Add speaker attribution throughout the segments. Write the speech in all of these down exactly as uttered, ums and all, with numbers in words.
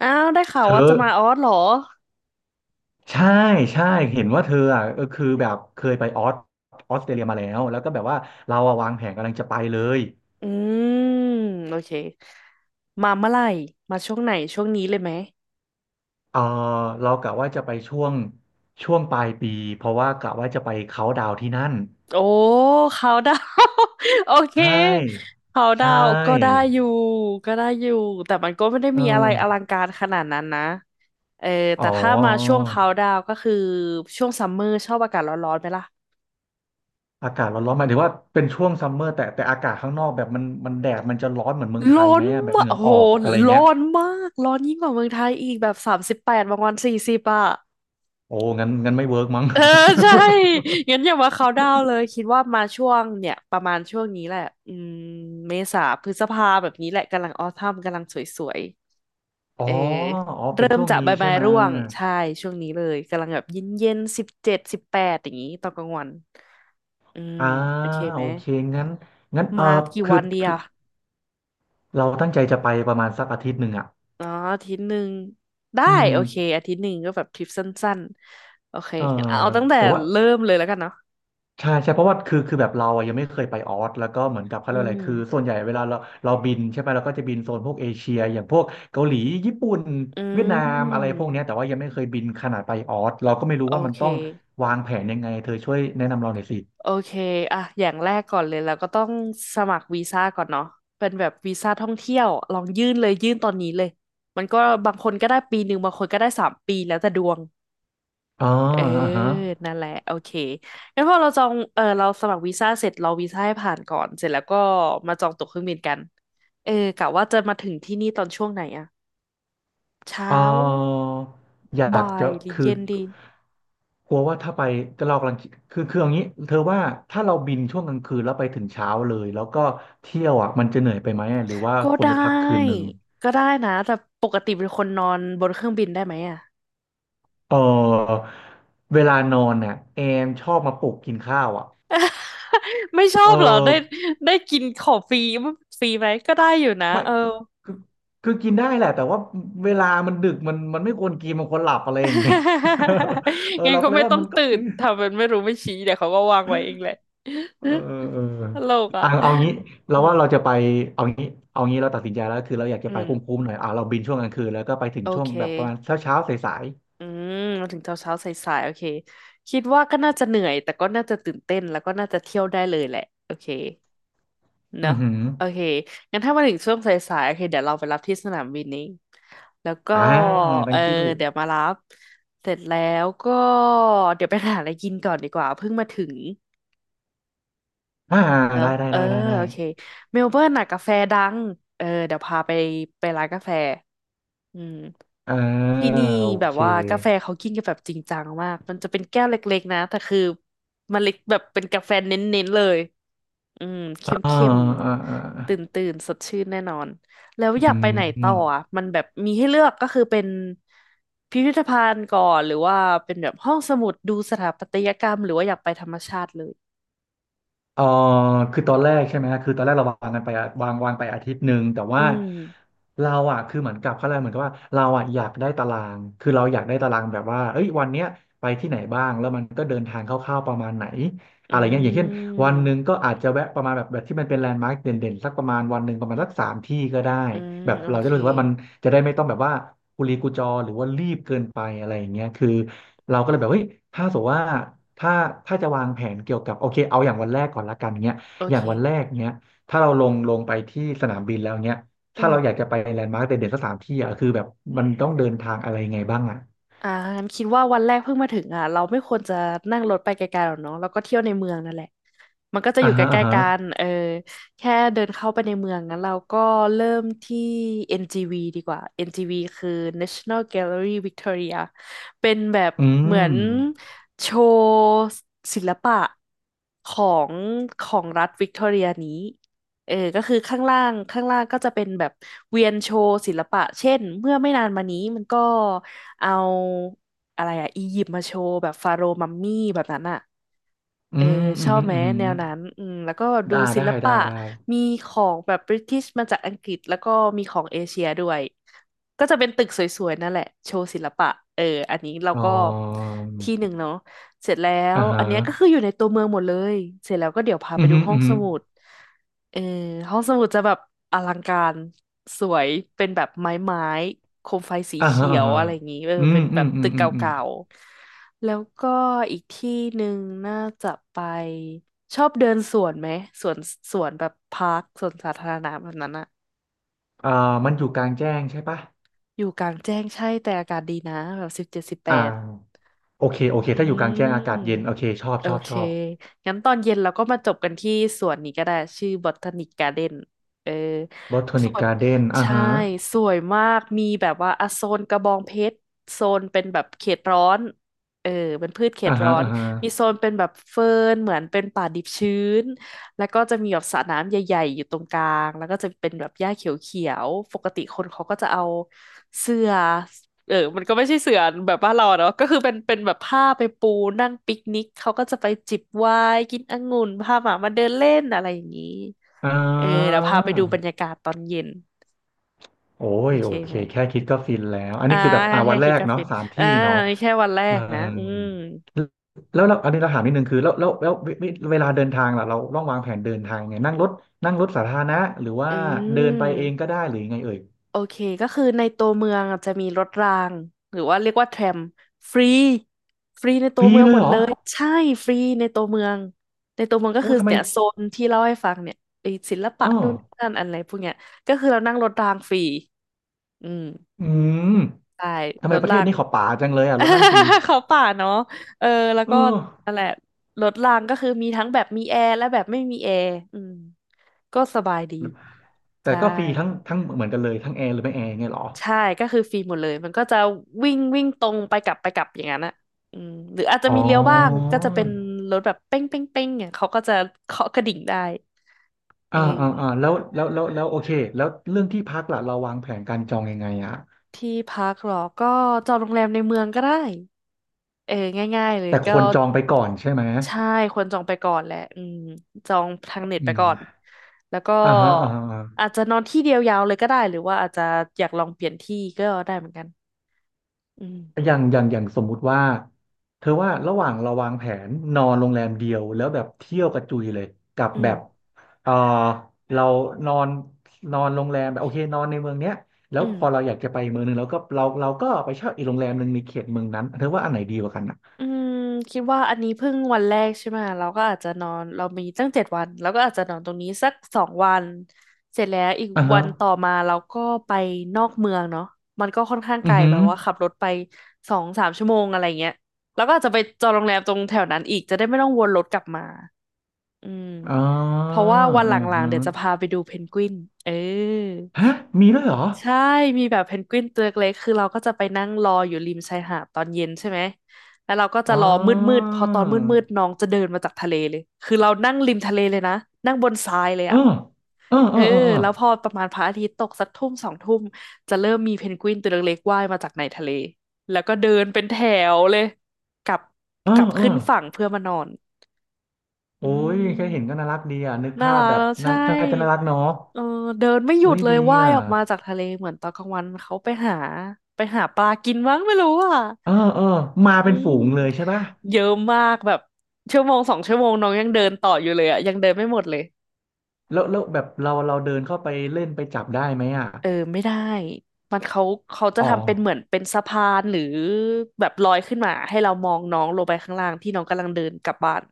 Speaker 1: อ้าวได้ข่าว
Speaker 2: เธ
Speaker 1: ว่า
Speaker 2: อ
Speaker 1: จะมาออสเหรอ
Speaker 2: ใช่ใช่เห็นว่าเธออ่ะก็คือแบบเคยไปออสออสเตรเลียมาแล้วแล้วก็แบบว่าเราอะวางแผนกำลังจะไปเลย
Speaker 1: อืมโอเคมาเมื่อไหร่มาช่วงไหนช่วงนี้เลยไหม
Speaker 2: เออเรากะว่าจะไปช่วงช่วงปลายปีเพราะว่ากะว่าจะไปเขาน์ดาวน์ที่นั่น
Speaker 1: โอ้ เขาดาว โอเค
Speaker 2: ใช่
Speaker 1: เขาดา
Speaker 2: ใช่
Speaker 1: วก็ได้อยู่ก็ได้อยู่แต่มันก็ไม่ได้
Speaker 2: เอ
Speaker 1: มีอะไรอลั
Speaker 2: อ
Speaker 1: งการขนาดนั้นนะเออ
Speaker 2: อ๋
Speaker 1: แต่
Speaker 2: อ
Speaker 1: ถ้ามาช่วงเขาดาวก็คือช่วงซัมเมอร์ชอบอากาศร้อนๆไหมล่ะ
Speaker 2: อากาศร้อนๆหมายถึงว่าเป็นช่วงซัมเมอร์แต่แต่อากาศข้างนอกแบบมันมันแดดมันจะร้อนเหมือนเมืองไทย
Speaker 1: ร้อ
Speaker 2: ไหม
Speaker 1: น
Speaker 2: อะแบบ
Speaker 1: มา
Speaker 2: เห
Speaker 1: ก
Speaker 2: งื่อ
Speaker 1: โอ้โห
Speaker 2: ออกอะไร
Speaker 1: ร้
Speaker 2: เงี้ย
Speaker 1: อนมากร้อนยิ่งกว่าเมืองไทยอีกแบบสามสิบแปดบางวันสี่สิบอ่ะ
Speaker 2: โอ้งั้นงั้นไม่เวิร์กมั้ง
Speaker 1: เออใช่ งั้นอย่ามาเขาน์ดาวน์เลยคิดว่ามาช่วงเนี่ยประมาณช่วงนี้แหละอืมเมษาพฤษภาแบบนี้แหละกำลังออทัมกำลังสวย
Speaker 2: อ๋
Speaker 1: ๆ
Speaker 2: อ
Speaker 1: เออ
Speaker 2: อ๋อเป็
Speaker 1: เริ่
Speaker 2: น
Speaker 1: ม
Speaker 2: ช่วง
Speaker 1: จาก
Speaker 2: นี้
Speaker 1: ใบ
Speaker 2: ใช่
Speaker 1: ไม้
Speaker 2: ไหม
Speaker 1: ร่วงใช่ช่วงนี้เลยกำลังแบบเย็นๆสิบเจ็ดสิบแปดอย่างนี้ตอนกลางวันอืม
Speaker 2: อ่า
Speaker 1: โอเคไห
Speaker 2: โอ
Speaker 1: ม
Speaker 2: เคงั้นงั้นเออ
Speaker 1: มากี่
Speaker 2: คือ
Speaker 1: วันดี
Speaker 2: คือ
Speaker 1: อ่ะ
Speaker 2: เราตั้งใจจะไปประมาณสักอาทิตย์หนึ่งอ่ะ
Speaker 1: อ๋ออาทิตย์หนึ่งได้
Speaker 2: อืม
Speaker 1: โอเคอาทิตย์หนึ่งก็แบบทริปสั้นๆโอเค
Speaker 2: เออ
Speaker 1: งั้นเอาตั้งแต่
Speaker 2: แต่ว่า
Speaker 1: เริ่มเลยแล้วกันเนาะ
Speaker 2: ใช่ใช่เพราะว่าคือคือแบบเราอะยังไม่เคยไปออสแล้วก็เหมือนกับเขา
Speaker 1: อื
Speaker 2: เรียกอะไรคือส่
Speaker 1: ม
Speaker 2: วนใหญ่เวลาเราเราบินใช่ไหมเราก็จะบินโซนพวกเอเชียอย่างพวกเกาหลีญี่ปุ่น
Speaker 1: อื
Speaker 2: เวียดนาม
Speaker 1: ม
Speaker 2: อะไรพวกเนี้ยแต่ว่ายังไม่เคยบินขนาดไปออสเราก็ไม่รู้
Speaker 1: โอ
Speaker 2: ว่ามัน
Speaker 1: เค
Speaker 2: ต้องวางแผนยังไงเธอช่วยแนะนำเราหน่อยสิ
Speaker 1: โอเคอ่ะ อย่างแรกก่อนเลยเราก็ต้องสมัครวีซ่าก่อนเนาะเป็นแบบวีซ่าท่องเที่ยว ลองยื่นเลยยื่นตอนนี้เลย มันก็บางคนก็ได้ปีหนึ่งบางคนก็ได้สามปีแล้วแต่ดวง
Speaker 2: อ๋อ
Speaker 1: เออ
Speaker 2: อ่าฮะ
Speaker 1: นั่นแหละโอเคงั้นพอเราจองเออเราสมัครวีซ่าเสร็จรอวีซ่าให้ผ่านก่อนเสร็จแล้วก็มาจองตั๋วเครื่องบินกันเออกะว่าจะมาถึงที่นี่ตอนช่วงไหนอะเช้า
Speaker 2: เอออยาก
Speaker 1: บ่าย
Speaker 2: จะ
Speaker 1: หรือ
Speaker 2: คือ
Speaker 1: เย็นดี
Speaker 2: กลัวว่าถ้าไปก็เรากำลังคิดคือคืออย่างนี้เธอว่าถ้าเราบินช่วงกลางคืนแล้วไปถึงเช้าเลยแล้วก็เที่ยวอ่ะมันจะเหนื่อยไปไหมหรือว่า
Speaker 1: ก็
Speaker 2: ควร
Speaker 1: ได้
Speaker 2: ไปพักคืนหนึ่ง
Speaker 1: ก็ได้นะ แต่ปกติเป็นคนนอนบนเครื่องบินได้ไหมอะ
Speaker 2: เออเวลานอนเนี่ยแอมชอบมาปลุกกินข้าวอ่ะ
Speaker 1: ไม่ชอ
Speaker 2: เอ
Speaker 1: บเหรอ
Speaker 2: อ
Speaker 1: ได้ได้กินของฟรีฟรีไหมก็ได้อยู่นะ
Speaker 2: ไม่
Speaker 1: เออ
Speaker 2: คือคือกินได้แหละแต่ว่าเวลามันดึกมันมันไม่ควรกินมันควรหลับอะไรอย่างเงี้ย เออ
Speaker 1: งั้น
Speaker 2: เราก็
Speaker 1: ก็
Speaker 2: เลย
Speaker 1: ไม่
Speaker 2: ว่า
Speaker 1: ต้อง
Speaker 2: มันก็
Speaker 1: ตื่นทำเป็นไม่รู้ไม่ชี้เดี๋ยวเขาก็วางไว้เองแหละ
Speaker 2: เออเออ
Speaker 1: ตลกอ่ะ
Speaker 2: อ่ะเอางี้เรา
Speaker 1: อืม
Speaker 2: ว่าเราจะไปเอางี้ เอางี้เราตัดสินใจแล้วคือเราอยากจะ
Speaker 1: อื
Speaker 2: ไป
Speaker 1: ม
Speaker 2: คุ้มๆหน่อยอ่ะเราบินช่วงกลางคืนแล้วก็ไปถึง
Speaker 1: โอ
Speaker 2: ช่วง
Speaker 1: เค
Speaker 2: แบบประมาณเช้าเช้าสาย
Speaker 1: อืมมาถึงเช้าเช้าสายๆโอเคคิดว่าก็น่าจะเหนื่อยแต่ก็น่าจะตื่นเต้นแล้วก็น่าจะเที่ยวได้เลยแหละโอเค
Speaker 2: ๆ
Speaker 1: เน
Speaker 2: อื
Speaker 1: อะ
Speaker 2: อหือ
Speaker 1: โอเคงั้นถ้ามาถึงช่วงสายๆโอเคเดี๋ยวเราไปรับที่สนามบินนี้แล้วก็
Speaker 2: อ่า
Speaker 1: เออ
Speaker 2: thank you
Speaker 1: เดี๋ยวมารับเสร็จแล้วก็เดี๋ยวไปหาอะไรกินก่อนดีกว่าเพิ่งมาถึง
Speaker 2: อ่า
Speaker 1: เนอะ
Speaker 2: ได้ได้
Speaker 1: เออ
Speaker 2: ได้ได้ได้
Speaker 1: โอเคเมลเบิร์นน่ะกาแฟดังเออเดี๋ยวพาไปไปร้านกาแฟอืม
Speaker 2: อ่า
Speaker 1: ที่นี่
Speaker 2: โอ
Speaker 1: แบบ
Speaker 2: เค
Speaker 1: ว่ากาแฟเขากินกันแบบจริงจังมากมันจะเป็นแก้วเล็กๆนะแต่คือมันเล็กแบบเป็นกาแฟเน้นๆเลย อืม
Speaker 2: อ่า
Speaker 1: เข้มเข้ม
Speaker 2: อ่าอ่า
Speaker 1: ตื่นตื่นๆสดชื่นแน่นอนแล้ว
Speaker 2: อื
Speaker 1: อยากไปไหนต่อ
Speaker 2: ม
Speaker 1: อ่ะมันแบบมีให้เลือกก็คือเป็นพิพิธภัณฑ์ก่อนหรือว่าเป็นแบบห้องสมุดดูสถาปัตยกรรมหรือว่าอยากไปธรรมชาติเลย
Speaker 2: เอ่อคือตอนแรกใช่ไหมฮะคือตอนแรกเราวางกันไปอะวางวางไปอาทิตย์หนึ่งแต่
Speaker 1: อื
Speaker 2: ว่า
Speaker 1: ม
Speaker 2: เราอ่ะคือเหมือนกับเขาเรียกเหมือนกับว่าเราอ่ะอยากได้ตารางคือเราอยากได้ตารางแบบว่าเอ้ยวันเนี้ยไปที่ไหนบ้างแล้วมันก็เดินทางคร่าวๆประมาณไหน
Speaker 1: อื
Speaker 2: อะไรเงี้ยอย่างเช่น วันหนึ่ง
Speaker 1: ม
Speaker 2: ก็อาจจะแวะประมาณแบบแบบที่มันเป็นแลนด์มาร์คเด่นๆสักประมาณวันหนึ่งประมาณสักสามที่ก็ได้
Speaker 1: อืม
Speaker 2: แบบ
Speaker 1: โอ
Speaker 2: เราจะ
Speaker 1: เค
Speaker 2: รู้สึกว่ามันจะได้ไม่ต้องแบบว่ากุลีกุจอหรือว่ารีบเกินไปอะไรอย่างเงี้ยคือเราก็เลยแบบเฮ้ยถ้าสมมติว่าถ้าถ้าจะวางแผนเกี่ยวกับโอเคเอาอย่างวันแรกก่อนละกันเงี้ย
Speaker 1: โอ
Speaker 2: อย่า
Speaker 1: เค
Speaker 2: งวันแรกเงี้ยถ้าเราลงลงไปที่สนามบินแล้วเงี้ย
Speaker 1: อื
Speaker 2: ถ้าเราอยาก
Speaker 1: ม
Speaker 2: จะไปแลนด์มาร์คเด่นๆสักสามที่อ่ะคือแบบมันต้องเดินทางอะไรยังไงบ้างอ่ะ
Speaker 1: อ่างั้นคิดว่าวันแรกเพิ่งมาถึงอ่ะเราไม่ควรจะนั่งรถไปไกลๆหรอกเนาะแล้วก็เที่ยวในเมืองนั่นแหละ มันก็จะอ
Speaker 2: อ่า
Speaker 1: ยู่ใก
Speaker 2: ฮะอ่า
Speaker 1: ล้ๆ
Speaker 2: ฮะ
Speaker 1: กันเออแค่เดินเข้าไปในเมืองงั้นเราก็เริ่มที่ เอ็น จี วี ดีกว่า เอ็น จี วี คือ National Gallery Victoria เป็นแบบ
Speaker 2: อื
Speaker 1: เหมือ
Speaker 2: ม
Speaker 1: นโชว์ศิลปะของของรัฐวิกตอเรียนี้เออก็คือข้างล่างข้างล่างก็จะเป็นแบบเวียนโชว์ศิลปะเช่นเมื่อไม่นานมานี้มันก็เอาอะไรอะอียิปต์มาโชว์แบบฟาโรห์มัมมี่แบบนั้นอะ
Speaker 2: อื
Speaker 1: เออ
Speaker 2: มอื
Speaker 1: ช
Speaker 2: ม
Speaker 1: อบ
Speaker 2: อืม
Speaker 1: ไหม
Speaker 2: อืม
Speaker 1: แนวนั้นอืมแล้วก็ดู
Speaker 2: ได้
Speaker 1: ศิ
Speaker 2: ได้
Speaker 1: ล
Speaker 2: ได้
Speaker 1: ปะ
Speaker 2: ได้
Speaker 1: มีของแบบบริติชมาจากอังกฤษแล้วก็มีของเอเชียด้วยก็จะเป็นตึกสวยๆนั่นแหละโชว์ศิลปะเอออันนี้เรา
Speaker 2: อ๋อ
Speaker 1: ก็ที่หนึ่งเนาะเสร็จแล้ว
Speaker 2: อ่า
Speaker 1: อั
Speaker 2: ฮะ
Speaker 1: นเนี้ยก็คืออยู่ในตัวเมืองหมดเลยเสร็จแล้วก็เดี๋ยวพา
Speaker 2: อื
Speaker 1: ไป
Speaker 2: มอ
Speaker 1: ดู
Speaker 2: หืม
Speaker 1: ห้
Speaker 2: อ
Speaker 1: อ
Speaker 2: อื
Speaker 1: ง
Speaker 2: อ
Speaker 1: ส
Speaker 2: หือ
Speaker 1: มุดเออห้องสมุดจะแบบอลังการสวยเป็นแบบไม้ไม้โคมไฟสี
Speaker 2: อ่าฮะ
Speaker 1: เขีย
Speaker 2: อ่า
Speaker 1: ว
Speaker 2: ฮะ
Speaker 1: อะไรอย่างนี้เออ
Speaker 2: อื
Speaker 1: เป็
Speaker 2: ม
Speaker 1: นแบ
Speaker 2: อื
Speaker 1: บ
Speaker 2: มอื
Speaker 1: ตึ
Speaker 2: ม
Speaker 1: กเ
Speaker 2: อืมอืม
Speaker 1: ก่าๆ แล้วก็อีกที่หนึ่งน่าจะไปชอบเดินสวนไหมสวนสวนแบบพาร์คสวนสาธารณะแบบนั้นอะ
Speaker 2: อ่ามันอยู่กลางแจ้งใช่ปะ
Speaker 1: อยู่กลางแจ้งใช่แต่อากาศดีนะแบบสิบเจ็ดสิบแป
Speaker 2: อ่า
Speaker 1: ด
Speaker 2: โอเค โอเค
Speaker 1: อื
Speaker 2: ถ้าอยู่กลาง
Speaker 1: ม
Speaker 2: แจ้งอากาศเย็น โอเค ชอบ
Speaker 1: โอ
Speaker 2: ชอบ
Speaker 1: เค
Speaker 2: ชอบ
Speaker 1: งั้นตอนเย็นเราก็มาจบกันที่สวนนี้ก็ได้ชื่อบอทานิกการ์เดนเออ
Speaker 2: บอทา
Speaker 1: ส
Speaker 2: นิก
Speaker 1: วน
Speaker 2: การ์เด้นอ่า
Speaker 1: ใช่
Speaker 2: ฮะ
Speaker 1: สวยมาก มีแบบว่าอะโซนกระบองเพชรโซนเป็นแบบเขตร้อน เออเป็นพืชเข
Speaker 2: อ่า
Speaker 1: ต
Speaker 2: ฮะ
Speaker 1: ร้อน
Speaker 2: อ่าฮะ
Speaker 1: มีโซนเป็นแบบเฟิร์นเหมือนเป็นป่าดิบชื้นแล้วก็จะมีแบบสระน้ำใหญ่ๆ อยู่ตรงกลางแล้วก็จะเป็นแบบหญ้าเขียวๆปกติคนเขาก็จะเอาเสื่อ เออมันก็ไม่ใช่เสือแบบบ้านเราอะเนาะก็คือเป็นเป็นแบบผ้าไปปูนั่งปิกนิก เขาก็จะไปจิบไวน์กินองุ่นพาหมามาเดินเล่นอะไรอย่างนี้
Speaker 2: อ่
Speaker 1: เออเดี๋
Speaker 2: า
Speaker 1: ยวพาไปดูบรรยากาศตอนเย็น
Speaker 2: โอ้
Speaker 1: โอ
Speaker 2: ย
Speaker 1: เค
Speaker 2: โอเค
Speaker 1: ไหม
Speaker 2: แค่คิดก็ฟินแล้ว อัน
Speaker 1: อ่า
Speaker 2: นี้คือแบบอ่า
Speaker 1: แค่
Speaker 2: วันแร
Speaker 1: คิด
Speaker 2: ก
Speaker 1: กา
Speaker 2: เนาะ
Speaker 1: ฟิน
Speaker 2: สาม
Speaker 1: อ่า
Speaker 2: ที่เนาะ
Speaker 1: นี่แค่วันแร
Speaker 2: เออ
Speaker 1: กนะ อืม
Speaker 2: แล้วเราอันนี้เราถามนิดนึงคือแล้วแล้วแล้วเวเวเวลาเดินทางล่ะเราต้องวางแผนเดินทางไงนั่งรถนั่งรถสาธารณะหรือว่า
Speaker 1: อื
Speaker 2: เดินไปเองก็
Speaker 1: ม
Speaker 2: ได้หรือยังไงเอ่ย
Speaker 1: โอเคก็คือในตัวเมืองอะจะมีรถรางหรือว่าเรียกว่าแทรมฟรีฟรีใน
Speaker 2: ฟ
Speaker 1: ตัว
Speaker 2: รี
Speaker 1: เมือง
Speaker 2: เล
Speaker 1: ห
Speaker 2: ย
Speaker 1: มด
Speaker 2: เหร
Speaker 1: เล
Speaker 2: อ
Speaker 1: ยใช่ฟรีในตัวเมืองในตัวเมืองก็
Speaker 2: โอ้
Speaker 1: คือ
Speaker 2: ทำไม
Speaker 1: เนี่ยโซนที่เล่าให้ฟังเนี่ยไอ้ศิลปะ
Speaker 2: เอ
Speaker 1: นู่นนี่
Speaker 2: อ
Speaker 1: นั่นอะไรพวกเนี้ยก็คือเรานั่งรถรางฟรีอืม
Speaker 2: อืม
Speaker 1: ใช่
Speaker 2: ทำ
Speaker 1: ร
Speaker 2: ไม
Speaker 1: ถ
Speaker 2: ประเท
Speaker 1: รา
Speaker 2: ศ
Speaker 1: ง
Speaker 2: นี้เขาป่าจังเลยอ่ะรถนั่งฟรี
Speaker 1: เขาป่าเนาะเออแล้ว
Speaker 2: เอ
Speaker 1: ก็
Speaker 2: อ
Speaker 1: นั่นแหละรถรางก็คือมีทั้งแบบมีแอร์และแบบไม่มีแอร์อืมก็สบายดี
Speaker 2: แต่
Speaker 1: ใช่
Speaker 2: ก็ฟรีทั้งทั้งเหมือนกันเลยทั้งแอร์หรือไม่แอร์ไงยเหรอ
Speaker 1: ใช่ก็คือฟรีหมดเลยมันก็จะวิ่งวิ่งตรงไปกลับไปกลับอย่างนั้นอะอืมหรืออาจจะ
Speaker 2: อ๋
Speaker 1: มีเลี้ยวบ้าง
Speaker 2: อ
Speaker 1: ก็จะเป็นรถแบบเป้งเป้งเป้งเนี่ยเขาก็จะเคาะกระดิ่งได้เอ
Speaker 2: อ่าอ่าอ่า
Speaker 1: อ
Speaker 2: แล้วแล้วแล้วแล้วโอเคแล้วเรื่องที่พักล่ะเราวางแผนการจองยังไงอ่ะ
Speaker 1: ที่พักเหรอก็จองโรงแรมในเมืองก็ได้เออง่ายๆเลย
Speaker 2: แต่ค
Speaker 1: ก็
Speaker 2: วรจองไปก่อนใช่ไหม
Speaker 1: ใช่ควรจองไปก่อนแหละอืมจองทางเน็ต
Speaker 2: อื
Speaker 1: ไปก่
Speaker 2: ม
Speaker 1: อนแล้วก็
Speaker 2: อ่าฮะอ่าฮะอ่า
Speaker 1: อา
Speaker 2: ฮะ
Speaker 1: จจะนอนที่เดียวยาวเลยก็ได้หรือว่าอาจจะอยากลองเปลี่ยนที่ก็ได้เหมือนกันอืม
Speaker 2: อย่างอย่างอย่างสมมุติว่าเธอว่าระหว่างเราวางแผนนอนโรงแรมเดียวแล้วแบบเที่ยวกระจุยเลยกับ
Speaker 1: อื
Speaker 2: แบบ
Speaker 1: ม
Speaker 2: เออเรานอนนอนโรงแรมแบบโอเคนอนในเมืองเนี้ยแล้
Speaker 1: อื
Speaker 2: ว
Speaker 1: ม
Speaker 2: พอเราอยากจะไปเมืองนึงเราก็เราเราก็ไปเช่าอีกโรงแรมหนึ่งในเขตเมืองนั้นเธอว่าอันไหนดีกว่ากันอ่ะ
Speaker 1: อืมคิดว่าอันนี้เพิ่งวันแรกใช่ไหมเราก็อาจจะนอนเรามีตั้งเจ็ดวันเราก็อาจจะนอนตรงนี้สักสองวันเสร็จแล้วอีก
Speaker 2: อ่า
Speaker 1: วั
Speaker 2: ฮะ
Speaker 1: นต่อมาเราก็ไปนอกเมืองเนาะมันก็ค่อนข้าง
Speaker 2: อื
Speaker 1: ไก
Speaker 2: อ
Speaker 1: ล
Speaker 2: หื
Speaker 1: แบ
Speaker 2: อ
Speaker 1: บว่าขับรถไปสองสามชั่วโมงอะไรเงี้ยแล้วก็อาจจะไปจองโรงแรมตรงแถวนั้นอีกจะได้ไม่ต้องวนรถกลับมาอืม
Speaker 2: อ๋อ
Speaker 1: เพราะว่าวันห
Speaker 2: อื
Speaker 1: ล
Speaker 2: อ
Speaker 1: ัง
Speaker 2: หื
Speaker 1: ๆ
Speaker 2: อ
Speaker 1: เดี๋ยวจะพาไปดูเพนกวินเออ
Speaker 2: ฮะมีด้วยเหรอ
Speaker 1: ใช่มีแบบเพนกวินตัวเล็กๆคือเราก็จะไปนั่งรออยู่ริมชายหาดตอนเย็นใช่ไหมแล้วเราก็จะ
Speaker 2: อ๋อ
Speaker 1: รอมืดๆพอตอนมืดๆน้องจะเดินมาจากทะเลเลยคือเรานั่งริมทะเลเลยนะนั่งบนทรายเลย
Speaker 2: เออ
Speaker 1: อ่ะ
Speaker 2: เออเอ
Speaker 1: เอ
Speaker 2: อ
Speaker 1: อ
Speaker 2: เออเออ
Speaker 1: แล้วพอประมาณพระอาทิตย์ตกสักทุ่มสองทุ่มจะเริ่มมีเพนกวินตัวเล็กๆว่ายมาจากในทะเล แล้วก็เดินเป็นแถวเลยกลับ
Speaker 2: เออ
Speaker 1: กลับ
Speaker 2: เออ
Speaker 1: ขึ้นฝั่งเพื่อมานอนอื
Speaker 2: โอ้ยแค่เห็นก็
Speaker 1: ม
Speaker 2: น่ารักดีอ่ะนึก
Speaker 1: น่า
Speaker 2: ภาพ
Speaker 1: รัก
Speaker 2: แบบ
Speaker 1: แล้ว
Speaker 2: นั้
Speaker 1: ใช่
Speaker 2: นน่าจะน่ารักเนาะ
Speaker 1: เออเดินไม่หยุ
Speaker 2: เอ้
Speaker 1: ด
Speaker 2: ย
Speaker 1: เลย
Speaker 2: ดี
Speaker 1: ว่าย
Speaker 2: อ่ะ
Speaker 1: ออกมาจากทะเลเหมือนตอนกลางวันเขาไปหาไปหาปลากินมั้งไม่รู้อ่ะ
Speaker 2: เออเออมา
Speaker 1: อื
Speaker 2: เป็นฝูงเล
Speaker 1: ม
Speaker 2: ยใช่ป่ะ
Speaker 1: เยอะมากแบบชั่วโมงสองชั่วโมงน้องยังเดินต่ออยู่เลยอ่ะยังเดินไม่หมดเลย
Speaker 2: แล้วแล้วแบบเราเราเดินเข้าไปเล่นไปจับได้ไหมอ่ะ
Speaker 1: เออไม่ได้มันเขาเขาจะ
Speaker 2: อ๋อ
Speaker 1: ทำเป็นเหมือนเป็นสะพานหรือแบบลอยขึ้นมาให้เรามองน้องลงไปข้างล่างที่น้องกำลังเดินกลับบ้าน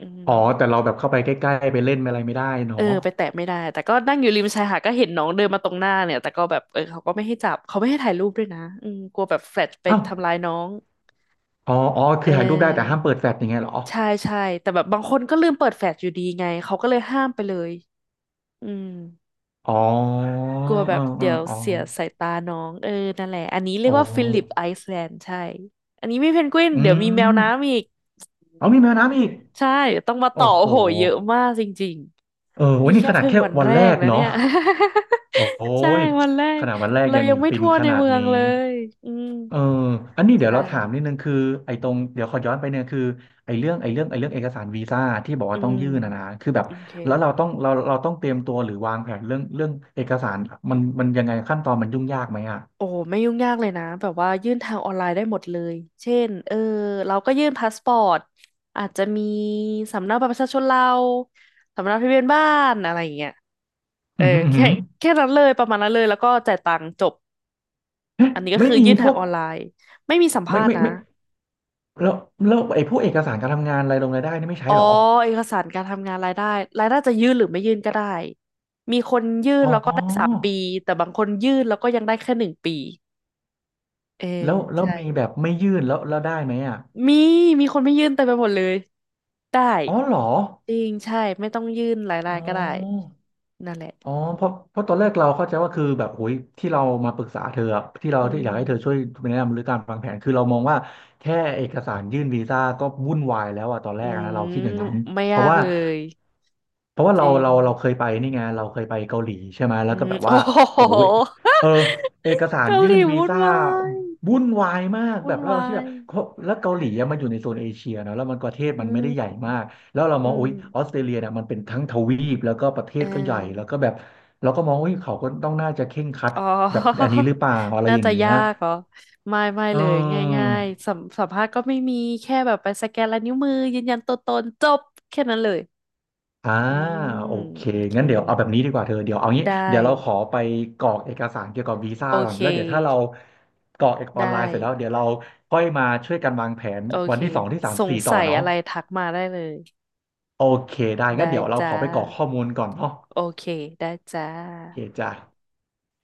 Speaker 1: อื
Speaker 2: อ๋อแต่
Speaker 1: ม
Speaker 2: เราแบบเข้าไปใกล้ๆไปเล่นอะไรไม่ได้
Speaker 1: เอ
Speaker 2: เนาะ
Speaker 1: อไปแตะไม่ได้แต่ก็นั่งอยู่ริมชายหาดก็เห็นน้องเดินมาตรงหน้าเนี่ยแต่ก็แบบเออเขาก็ไม่ให้จับเขาไม่ให้ถ่ายรูปด้วยนะอืมกลัวแบบแฟลชไป
Speaker 2: เอ้า
Speaker 1: ทำร้ายน้อง
Speaker 2: อ๋ออ๋อ
Speaker 1: เ
Speaker 2: คือถ่ายรูปได้แต่ห้า
Speaker 1: ออ
Speaker 2: มเปิดแฟลชอย่างเงี้ยเหรอ
Speaker 1: ใช่ใช่แต่แบบบางคนก็ลืมเปิดแฟลชอยู่ดีไงเขาก็เลยห้ามไปเลยอืม
Speaker 2: อ๋อ
Speaker 1: กลัวแบ
Speaker 2: เออ
Speaker 1: บ
Speaker 2: เออ
Speaker 1: เดี๋ยว
Speaker 2: อ๋อ
Speaker 1: เสียสายตาน้องเออนั่นแหละอันนี้เรียก
Speaker 2: โอ้
Speaker 1: ว่าฟิลิปไอซ์แลนด์ใช่อันนี้มีเพนกวิน
Speaker 2: อื
Speaker 1: เดี๋ยวมีแมวน้ำ
Speaker 2: ม
Speaker 1: อีก
Speaker 2: เอามีแมวน้ำอีก
Speaker 1: ใช่เดี๋ยวต้องมาต่
Speaker 2: โอ้
Speaker 1: อ
Speaker 2: โห
Speaker 1: โอ้โหเยอะมากจริง
Speaker 2: เออวั
Speaker 1: นี่
Speaker 2: นนี้
Speaker 1: แค่
Speaker 2: ขนาด
Speaker 1: เพิ่ง
Speaker 2: แค่
Speaker 1: วัน
Speaker 2: วัน
Speaker 1: แร
Speaker 2: แร
Speaker 1: ก
Speaker 2: ก
Speaker 1: นะเนี่
Speaker 2: เนาะ
Speaker 1: ย
Speaker 2: โอ้
Speaker 1: ใช่
Speaker 2: ย
Speaker 1: วันแร
Speaker 2: ข
Speaker 1: ก
Speaker 2: นาดวันแรก
Speaker 1: เรา
Speaker 2: ยัง
Speaker 1: ยังไม่
Speaker 2: ฟิน
Speaker 1: ทั่ว
Speaker 2: ข
Speaker 1: ใน
Speaker 2: นาด
Speaker 1: เมือง
Speaker 2: นี้
Speaker 1: เลยอืม
Speaker 2: เอออันนี้เดี๋ยว
Speaker 1: ใช่
Speaker 2: เราถามนิดนึงคือไอ้ตรงเดี๋ยวขอย้อนไปเนี่ยคือไอ้เรื่องไอ้เรื่องไอ้เรื่องเอกสารวีซ่าที่บอก
Speaker 1: อื
Speaker 2: ว่าต้อง
Speaker 1: ม
Speaker 2: ยื่นนะนะคือแบบ
Speaker 1: โอเค
Speaker 2: แล้วเราต้องเราเราต้องเตรียมตัวหรือวางแผนเรื่องเรื่องเอกสารมันมันยังไงขั้นตอนมันยุ่งยากไหมอ่ะ
Speaker 1: โอ้ไม่ยุ่งยากเลยนะแบบว่ายื่นทางออนไลน์ได้หมดเลยเช่นเออเราก็ยื่นพาสปอร์ตอาจจะมีสำเนาบัตรประชาชนเราสำเนาทะเบียนบ้านอะไรอย่างเงี้ยเอ
Speaker 2: อื
Speaker 1: อ
Speaker 2: มอหืมออื้อหื
Speaker 1: แค่
Speaker 2: อ
Speaker 1: แค่นั้นเลยประมาณนั้นเลยแล้วก็จ่ายตังค์จบ
Speaker 2: เอ๊ะ
Speaker 1: อันนี้ก็
Speaker 2: ไม่
Speaker 1: คือ
Speaker 2: มี
Speaker 1: ยื่น
Speaker 2: พ
Speaker 1: ทาง
Speaker 2: วก
Speaker 1: ออนไลน์ไม่มีสัม
Speaker 2: ไม่
Speaker 1: ภาษณ์
Speaker 2: ไม่
Speaker 1: นะ
Speaker 2: ไม่แล้วแล้วไอ้พวกเอกสารการทำงานรายลงรายได้นี่ไม่ใช้
Speaker 1: อ๋อ
Speaker 2: เหรอ
Speaker 1: เอกสารการทำงานรายได้รายได้จะยื่นหรือไม่ยื่นก็ได้มีคนยื่น
Speaker 2: อ๋
Speaker 1: แล้วก็ได้สาม
Speaker 2: อ
Speaker 1: ปีแต่บางคนยื่นแล้วก็ยังได้แค่หนึ่งปีเออ
Speaker 2: แล้วแล้ว
Speaker 1: ใช่
Speaker 2: มีแบบไม่ยื่นแล้วแล้วได้ไหมอ่ะ
Speaker 1: มีมีคนไม่ยื่นเต็มไปหมดเลยได้
Speaker 2: อ๋อเหรอ
Speaker 1: จริงใช่ไม่ต้องยื่นหายรา
Speaker 2: อ๋อ
Speaker 1: ยได้ก็ได้นั่นแหละ
Speaker 2: อ๋อเพราะเพราะตอนแรกเราเข้าใจว่าคือแบบโอ้ยที่เรามาปรึกษาเธออะที่เรา
Speaker 1: อื
Speaker 2: ที่อยากให้เธอช่วย
Speaker 1: ม
Speaker 2: แนะนำหรือการวางแผนคือเรามองว่าแค่เอกสารยื่นวีซ่าก็วุ่นวายแล้วอะตอนแร
Speaker 1: อื
Speaker 2: กอะนะเรา
Speaker 1: ม
Speaker 2: คิดอย่างนั้น
Speaker 1: ไม่
Speaker 2: เพ
Speaker 1: ยา
Speaker 2: ราะ
Speaker 1: ก
Speaker 2: ว่า
Speaker 1: เลย
Speaker 2: เพราะว่า
Speaker 1: จ
Speaker 2: เรา
Speaker 1: ริง
Speaker 2: เราเราเคยไปนี่ไงเราเคยไปเกาหลีใช่ไหม
Speaker 1: อื
Speaker 2: แล้วก็
Speaker 1: ม
Speaker 2: แบบ
Speaker 1: โอ้
Speaker 2: ว่าโอ้
Speaker 1: โห
Speaker 2: โหเออเอก สาร
Speaker 1: เกา
Speaker 2: ยื่
Speaker 1: ห
Speaker 2: น
Speaker 1: ลี
Speaker 2: วี
Speaker 1: วุ่น
Speaker 2: ซ่า
Speaker 1: วาย
Speaker 2: วุ่นวายมากแบ
Speaker 1: วุ่น
Speaker 2: บแล้วเรา
Speaker 1: วา
Speaker 2: คิดแบ
Speaker 1: ย
Speaker 2: บเพราะแล้วเกาหลีอะมันอยู่ในโซนเอเชียเนอะแล้วมันประเทศ
Speaker 1: อื
Speaker 2: มันไม่ได้
Speaker 1: ม
Speaker 2: ใหญ่มาก แล้วเราม
Speaker 1: อื
Speaker 2: องอุ๊ยออ
Speaker 1: ม
Speaker 2: สเตรเลียเนี่ยมันเป็นทั้งทวีปแล้วก็ประเท
Speaker 1: เออ
Speaker 2: ศก็ใหญ่แล้วก็แบบเราก็มองอุ๊ยเขาก็ต้องน่าจะเคร่งครัด
Speaker 1: อ๋อ
Speaker 2: แบบอันนี้หรือเปล่าอะ ไร
Speaker 1: น่า
Speaker 2: อย่า
Speaker 1: จะ
Speaker 2: งเงี้ย
Speaker 1: ยากเหรอไม่ไม่
Speaker 2: เอ
Speaker 1: เลย
Speaker 2: อ
Speaker 1: ง่ายๆสัมสัมภาษณ์ก็ไม่มีแค่แบบไปสแกนลายนิ้วมือยืนยันตัวตนจบแค่นั้นเลย
Speaker 2: อ่า
Speaker 1: อื
Speaker 2: โอ
Speaker 1: ม
Speaker 2: เค
Speaker 1: โอเค
Speaker 2: งั้นเดี๋ยวเอาแบบนี้ดีกว่าเธอเดี๋ยวเอางี้
Speaker 1: ได้
Speaker 2: เดี๋ยวเราขอไปกรอกเอกสารเกี่ยวกับวีซ่า
Speaker 1: โอ
Speaker 2: ก่อน
Speaker 1: เค
Speaker 2: แล้วเดี๋ยวถ้าเรากรอกเอกอ
Speaker 1: ได้
Speaker 2: อนไลน์เสร็จแล้วเดี๋ยวเราค่อยมาช่วยกันวางแผน
Speaker 1: โอ
Speaker 2: วั
Speaker 1: เค
Speaker 2: นที่สองที่สาม
Speaker 1: สง
Speaker 2: สี่ต่อ
Speaker 1: สัย
Speaker 2: เนาะ
Speaker 1: อะไรทักมาได้เลย
Speaker 2: โอเคได้
Speaker 1: ได้
Speaker 2: งั้นเดี๋ยวเราข
Speaker 1: จ้า
Speaker 2: อไปกรอกข้อมูลก่อนเนาะ
Speaker 1: โอเคได้จ้า
Speaker 2: โอเคจ้ะ